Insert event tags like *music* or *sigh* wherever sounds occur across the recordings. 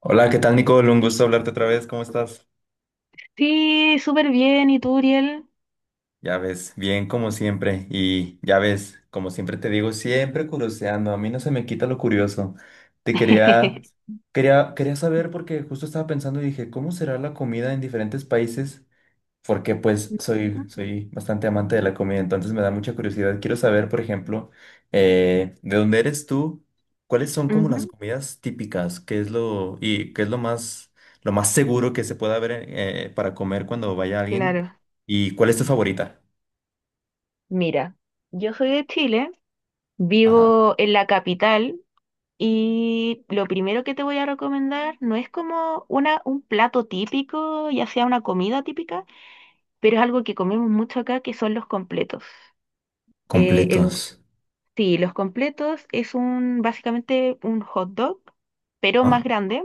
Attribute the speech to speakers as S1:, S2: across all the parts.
S1: Hola, ¿qué tal, Nicole? Un gusto hablarte otra vez. ¿Cómo estás?
S2: Sí, súper bien. ¿Y tú, Uriel?
S1: Ya ves, bien como siempre. Y ya ves, como siempre te digo, siempre curioseando. A mí no se me quita lo curioso. Te quería,
S2: *laughs*
S1: quería saber porque justo estaba pensando y dije, ¿cómo será la comida en diferentes países? Porque pues soy bastante amante de la comida, entonces me da mucha curiosidad. Quiero saber, por ejemplo, ¿de dónde eres tú? ¿Cuáles son como las
S2: Ujú,
S1: comidas típicas? ¿Qué es lo, y qué es lo más seguro que se pueda ver para comer cuando vaya alguien?
S2: claro.
S1: ¿Y cuál es tu favorita?
S2: Mira, yo soy de Chile,
S1: Ajá.
S2: vivo en la capital y lo primero que te voy a recomendar no es como un plato típico, ya sea una comida típica, pero es algo que comemos mucho acá, que son los completos. Eh, el,
S1: Completos.
S2: sí, los completos es un, básicamente un hot dog, pero más
S1: Ah,
S2: grande,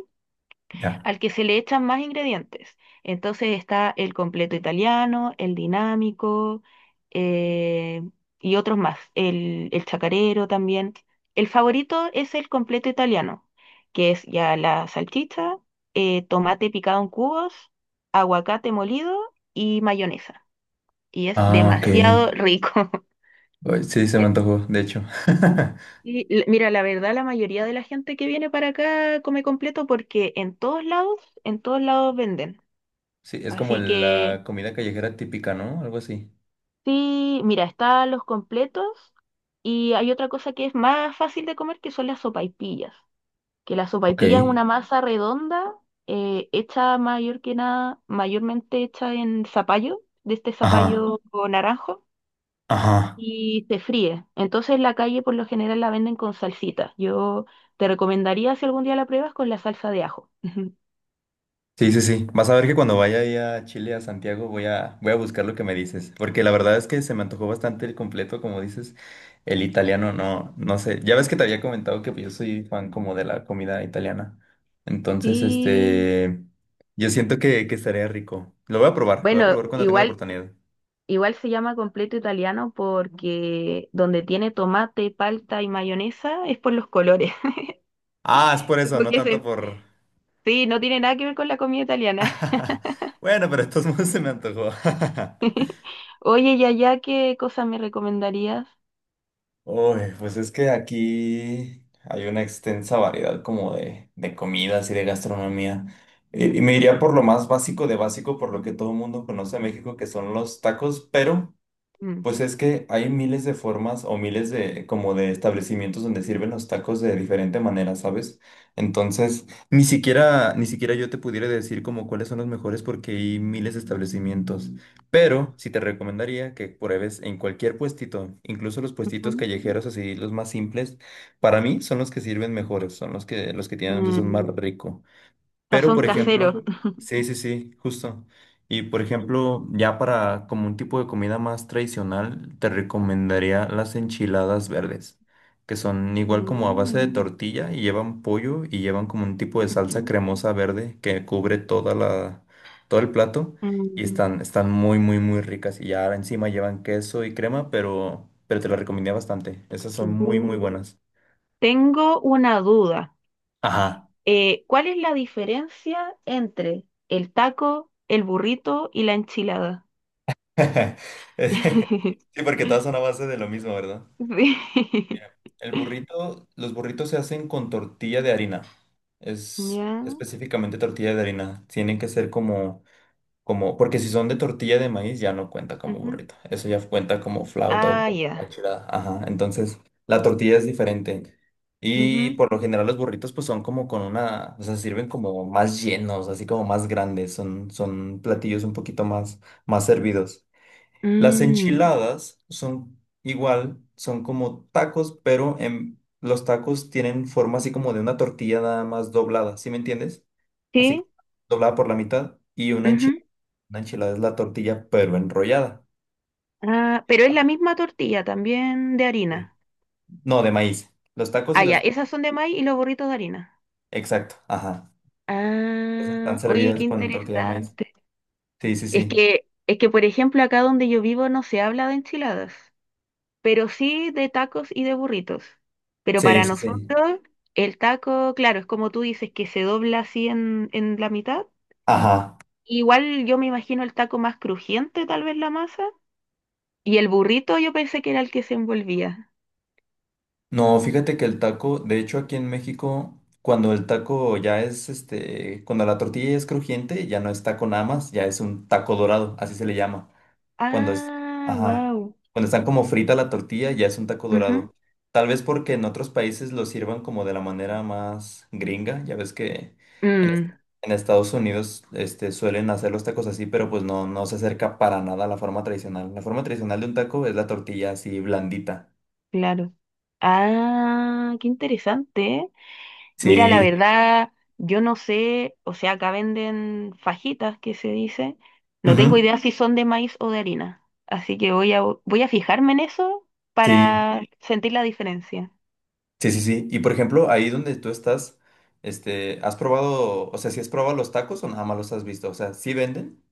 S1: ya.
S2: al que se le echan más ingredientes. Entonces está el completo italiano, el dinámico eh, y otros más, el chacarero también. El favorito es el completo italiano, que es ya la salchicha, tomate picado en cubos, aguacate molido y mayonesa. Y es
S1: Ah, ok.
S2: demasiado rico. *laughs*
S1: Uy, sí, se me antojó, de hecho. *laughs*
S2: Y mira, la verdad, la mayoría de la gente que viene para acá come completo porque en todos lados venden.
S1: Sí, es como
S2: Así que
S1: la comida callejera típica, ¿no? Algo así.
S2: sí, mira, están los completos y hay otra cosa que es más fácil de comer que son las sopaipillas. Que la
S1: Ok.
S2: sopaipilla es una masa redonda hecha mayor que nada, mayormente hecha en zapallo, de este
S1: Ajá,
S2: zapallo o naranjo,
S1: ajá.
S2: y se fríe. Entonces en la calle por lo general la venden con salsita. Yo te recomendaría si algún día la pruebas con la salsa de ajo. *laughs*
S1: Sí, sí, sí. Vas a ver que cuando vaya ahí a Chile, a Santiago, voy a buscar lo que me dices. Porque la verdad es que se me antojó bastante el completo, como dices. El italiano, no sé. Ya ves que te había comentado que pues, yo soy fan como de la comida italiana. Entonces,
S2: Sí.
S1: este, yo siento que estaría rico. Lo voy a
S2: Bueno,
S1: probar cuando tenga la oportunidad.
S2: igual se llama completo italiano porque donde tiene tomate, palta y mayonesa es por los colores. *laughs*
S1: Ah, es por eso, no
S2: Porque
S1: tanto
S2: se-
S1: por...
S2: sí, no tiene nada que ver con la comida italiana.
S1: *laughs* Bueno, pero de todos modos se me antojó. *laughs*
S2: *laughs* Oye, y allá, ¿qué cosas me recomendarías?
S1: Uy, pues es que aquí hay una extensa variedad como de comidas y de gastronomía. Y me iría por lo más básico de básico, por lo que todo el mundo conoce a México, que son los tacos, pero
S2: Mm,
S1: pues es que hay miles de formas o miles de como de establecimientos donde sirven los tacos de diferente manera, ¿sabes? Entonces, ni siquiera yo te pudiera decir como cuáles son los mejores porque hay miles de establecimientos, pero sí te recomendaría que pruebes en cualquier puestito, incluso los puestitos
S2: ujú,
S1: callejeros así los más simples, para mí son los que sirven mejores, son los que tienen un sazón
S2: mm,
S1: más rico. Pero,
S2: sazón
S1: por
S2: casero.
S1: ejemplo,
S2: *laughs*
S1: sí, sí, sí, justo. Y, por ejemplo, ya para como un tipo de comida más tradicional, te recomendaría las enchiladas verdes, que son igual como a base de
S2: Mm,
S1: tortilla y llevan pollo y llevan como un tipo de salsa
S2: ujú,
S1: cremosa verde que cubre toda todo el plato
S2: mm,
S1: y están muy, muy, muy ricas. Y ya encima llevan queso y crema, pero te las recomendé bastante. Esas son muy,
S2: ujú.
S1: muy buenas.
S2: Tengo una duda.
S1: Ajá.
S2: ¿Cuál es la diferencia entre el taco, el burrito y la enchilada?
S1: *laughs*
S2: *laughs*
S1: Sí, porque todas son a base de lo mismo, ¿verdad?
S2: Sí. *laughs*
S1: El burrito, los burritos se hacen con tortilla de harina. Es
S2: Ya,
S1: específicamente tortilla de harina. Tienen que ser porque si son de tortilla de maíz ya no cuenta como
S2: ujú.
S1: burrito. Eso ya cuenta como flauta o
S2: Ah,
S1: como
S2: ya,
S1: achirada. Ajá. Entonces, la tortilla es diferente. Y
S2: ujú.
S1: por lo general los burritos pues son como con una, o sea, sirven como más llenos, así como más grandes. Son platillos un poquito más, más servidos. Las
S2: Mm,
S1: enchiladas son igual, son como tacos, pero los tacos tienen forma así como de una tortilla nada más doblada, ¿sí me entiendes? Así
S2: sí,
S1: como doblada por la mitad y
S2: ujú.
S1: una enchilada es la tortilla pero enrollada.
S2: Ah, pero es la misma tortilla, ¿también de
S1: Sí.
S2: harina?
S1: No, de maíz. Los tacos
S2: Ah,
S1: y
S2: ya.
S1: las...
S2: Esas son de maíz y los burritos de harina.
S1: Exacto, ajá. Esas están
S2: Ah, oye, qué
S1: servidas con tortilla de maíz.
S2: interesante.
S1: Sí, sí, sí.
S2: Por ejemplo, acá donde yo vivo no se habla de enchiladas, pero sí de tacos y de burritos. Pero
S1: Sí,
S2: para
S1: sí, sí.
S2: nosotros, el taco, claro, es como tú dices, que se dobla así en la mitad.
S1: Ajá.
S2: Igual yo me imagino el taco más crujiente, tal vez la masa. Y el burrito yo pensé que era el que se envolvía.
S1: No, fíjate que el taco, de hecho aquí en México, cuando el taco ya es, este, cuando la tortilla es crujiente, ya no es taco nada más, ya es un taco dorado, así se le llama. Cuando es,
S2: Ah,
S1: ajá,
S2: wow,
S1: cuando están como frita la tortilla, ya es un taco dorado. Tal vez porque en otros países lo sirvan como de la manera más gringa, ya ves que en, est- en Estados Unidos, este, suelen hacer los tacos así, pero pues no se acerca para nada a la forma tradicional. La forma tradicional de un taco es la tortilla así blandita.
S2: claro. Ah, qué interesante, ¿eh? Mira, la
S1: Sí.
S2: verdad, yo no sé, o sea, acá venden fajitas, que se dice. No tengo
S1: Ujú.
S2: idea si son de maíz o de harina. Así que voy a fijarme en eso
S1: Sí,
S2: para sentir la diferencia.
S1: sí, sí, sí. Y por ejemplo, ahí donde tú estás, este, ¿has probado, o sea, si has probado los tacos o nada más los has visto? O sea, ¿sí venden?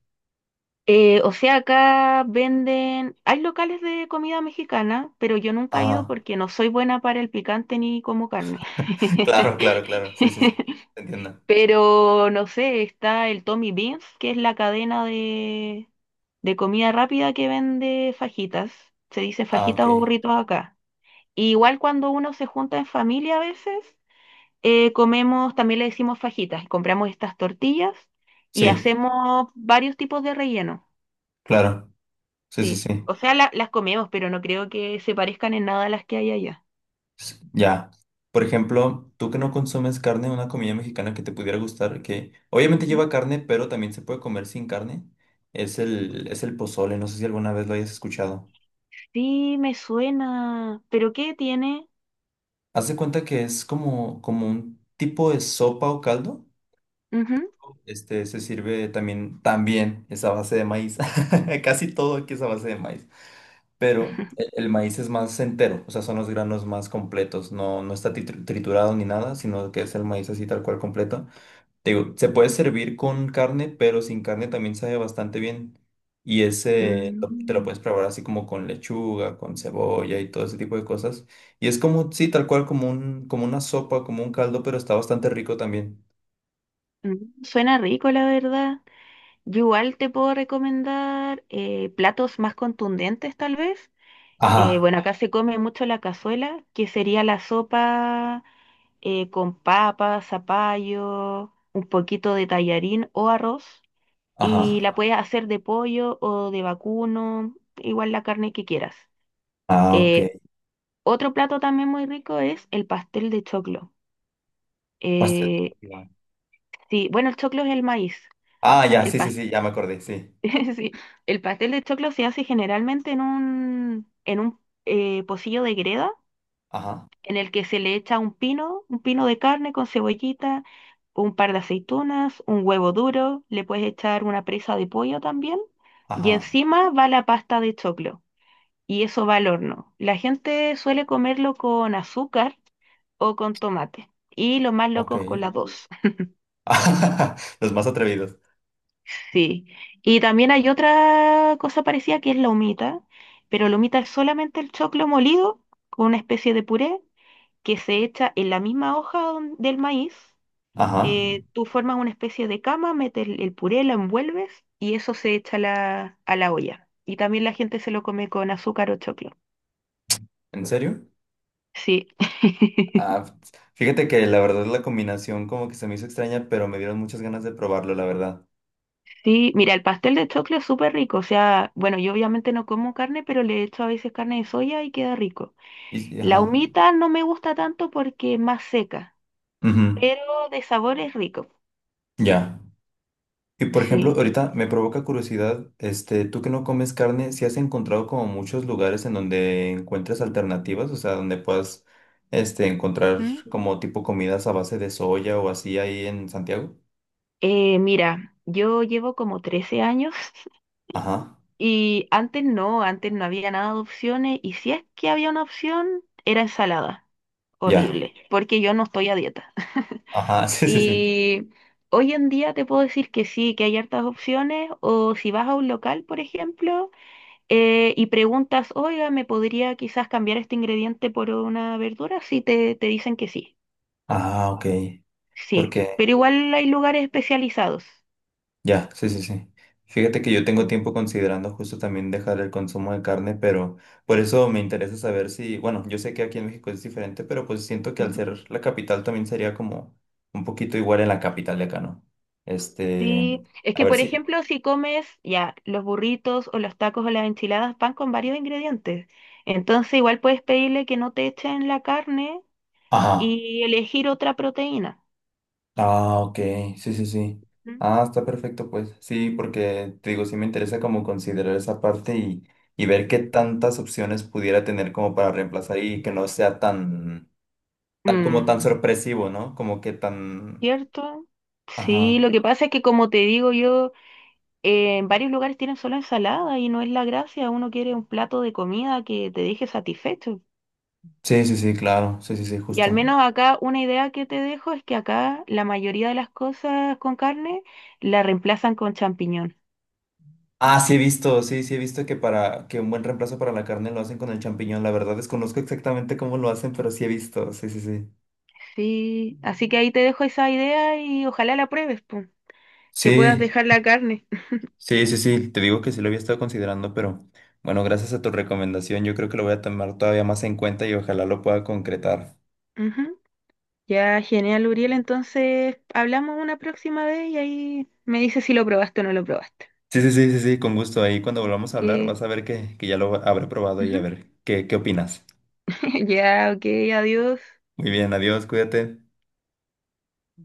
S2: O sea, acá venden, hay locales de comida mexicana, pero yo nunca he ido
S1: Ajá. *laughs*
S2: porque no soy buena para el picante ni como carne.
S1: Claro, claro, claro. Sí, sí, sí.
S2: *laughs*
S1: Te entiendo.
S2: Pero no sé, está el Tommy Beans, que es la cadena de comida rápida que vende fajitas. Se dice
S1: Ah, ok.
S2: fajitas o burritos acá. Y igual cuando uno se junta en familia a veces, comemos, también le decimos fajitas, compramos estas tortillas y
S1: Sí,
S2: hacemos varios tipos de relleno.
S1: claro. Sí, sí,
S2: Sí,
S1: sí.
S2: o sea, las comemos, pero no creo que se parezcan en nada a las que hay allá.
S1: S- ya. Por ejemplo, tú que no consumes carne, una comida mexicana que te pudiera gustar, que obviamente
S2: Ujú.
S1: lleva carne, pero también se puede comer sin carne, es es el pozole. No sé si alguna vez lo hayas escuchado.
S2: Sí, me suena, pero ¿qué tiene?
S1: Haz de cuenta que es como, como un tipo de sopa o caldo.
S2: Ujú.
S1: Este, se sirve también es a base de maíz. *laughs* Casi todo aquí es a base de maíz. Pero
S2: *laughs*
S1: el maíz es más entero, o sea, son los granos más completos. No está triturado ni nada, sino que es el maíz así tal cual completo. Te digo, se puede servir con carne, pero sin carne también sabe bastante bien. Y ese te lo
S2: Mm,
S1: puedes probar así como con lechuga, con cebolla y todo ese tipo de cosas. Y es como, sí, tal cual como como una sopa, como un caldo, pero está bastante rico también.
S2: mm, suena rico, la verdad. Yo igual te puedo recomendar platos más contundentes, tal vez.
S1: Ajá,
S2: Bueno, acá se come mucho la cazuela, que sería la sopa con papa, zapallo, un poquito de tallarín o arroz, y
S1: ajá.
S2: la puedes hacer de pollo o de vacuno, igual la carne que quieras.
S1: Ah, ok.
S2: Eh, Otro plato también muy rico es el pastel de choclo.
S1: Pastel de
S2: Eh,
S1: choclo.
S2: sí, bueno, el choclo es el maíz.
S1: Ah, ya,
S2: El
S1: sí, sí,
S2: pas-
S1: sí, ya me acordé, sí.
S2: *laughs* sí, el pastel de choclo se hace generalmente en un pocillo de greda
S1: Ajá,
S2: en el que se le echa un pino de carne con cebollita, un par de aceitunas, un huevo duro, le puedes echar una presa de pollo también y
S1: ajá,
S2: encima va la pasta de choclo, y eso va al horno. La gente suele comerlo con azúcar o con tomate. Y los más
S1: ok.
S2: locos con las dos. *laughs*
S1: *laughs* Los más atrevidos.
S2: Sí. Y también hay otra cosa parecida que es la humita, pero la humita es solamente el choclo molido con una especie de puré que se echa en la misma hoja del maíz.
S1: Ajá,
S2: Tú formas una especie de cama, metes el puré, lo envuelves y eso se echa a a la olla. Y también la gente se lo come con azúcar o choclo.
S1: ¿en serio?
S2: Sí. *laughs*
S1: Ah, fíjate que la verdad la combinación como que se me hizo extraña, pero me dieron muchas ganas de probarlo, la verdad.
S2: Sí, mira, el pastel de choclo es súper rico. O sea, bueno, yo obviamente no como carne, pero le echo a veces carne de soya y queda rico. La
S1: Ajá,
S2: humita no me gusta tanto porque es más seca,
S1: ujú,
S2: pero de sabor es rico.
S1: ya. Y por ejemplo,
S2: Sí.
S1: ahorita me provoca curiosidad, este, tú que no comes carne, si has encontrado como muchos lugares en donde encuentras alternativas, o sea, donde puedas, este, encontrar
S2: Ujú.
S1: como tipo comidas a base de soya o así ahí en Santiago.
S2: Mira, yo llevo como 13 años. *laughs*
S1: Ajá,
S2: Y antes no había nada de opciones, y si es que había una opción, era ensalada.
S1: ya.
S2: Horrible, porque yo no estoy a dieta.
S1: Ajá, *laughs* sí, sí, sí.
S2: Y hoy en día te puedo decir que sí, que hay hartas opciones, o si vas a un local, por ejemplo, y preguntas, oiga, ¿me podría quizás cambiar este ingrediente por una verdura? Sí, te dicen que sí,
S1: Ah, ok.
S2: sí,
S1: Porque
S2: pero igual hay lugares especializados.
S1: ya, sí, sí, sí. Fíjate que yo tengo
S2: Mm,
S1: tiempo considerando justo también dejar el consumo de carne, pero por eso me interesa saber si, bueno, yo sé que aquí en México es diferente, pero pues siento que al
S2: ujú.
S1: ser la capital también sería como un poquito igual en la capital de acá, ¿no? Este,
S2: Sí, es
S1: a
S2: que
S1: ver
S2: por
S1: si...
S2: ejemplo, si comes ya los burritos o los tacos o las enchiladas van con varios ingredientes, entonces igual puedes pedirle que no te echen la carne
S1: Ajá.
S2: y elegir otra proteína.
S1: Ah, ok, sí, sí, sí.
S2: Mm.
S1: Ah, está perfecto, pues. Sí, porque te digo, sí me interesa como considerar esa parte y ver qué tantas opciones pudiera tener como para reemplazar y que no sea tan... tal como
S2: Mm.
S1: tan sorpresivo, ¿no? Como que tan...
S2: ¿Cierto?
S1: Ajá.
S2: Sí, lo que pasa es que como te digo yo, en varios lugares tienen solo ensalada y no es la gracia, uno quiere un plato de comida que te deje satisfecho.
S1: Sí, sí, sí, claro. Sí, sí, sí,
S2: Y al
S1: justo.
S2: menos acá una idea que te dejo es que acá la mayoría de las cosas con carne la reemplazan con champiñón.
S1: Ah, sí he visto, sí, sí he visto que para que un buen reemplazo para la carne lo hacen con el champiñón. La verdad desconozco exactamente cómo lo hacen, pero sí he visto. Sí, sí, sí.
S2: Sí, así que ahí te dejo esa idea y ojalá la pruebes, pum, que puedas
S1: Sí,
S2: dejar la carne.
S1: sí, sí, sí. Te digo que sí lo había estado considerando, pero bueno, gracias a tu recomendación, yo creo que lo voy a tomar todavía más en cuenta y ojalá lo pueda concretar.
S2: *laughs* Ujú. Ya, genial, Uriel, entonces hablamos una próxima vez y ahí me dices si lo probaste o no lo probaste.
S1: Sí, sí, sí, sí, sí, con gusto. Ahí cuando volvamos a hablar,
S2: Que
S1: vas a ver que ya lo habré probado y a
S2: ujú.
S1: ver qué opinas.
S2: *laughs* Ya, ok, adiós.
S1: Muy bien, adiós, cuídate.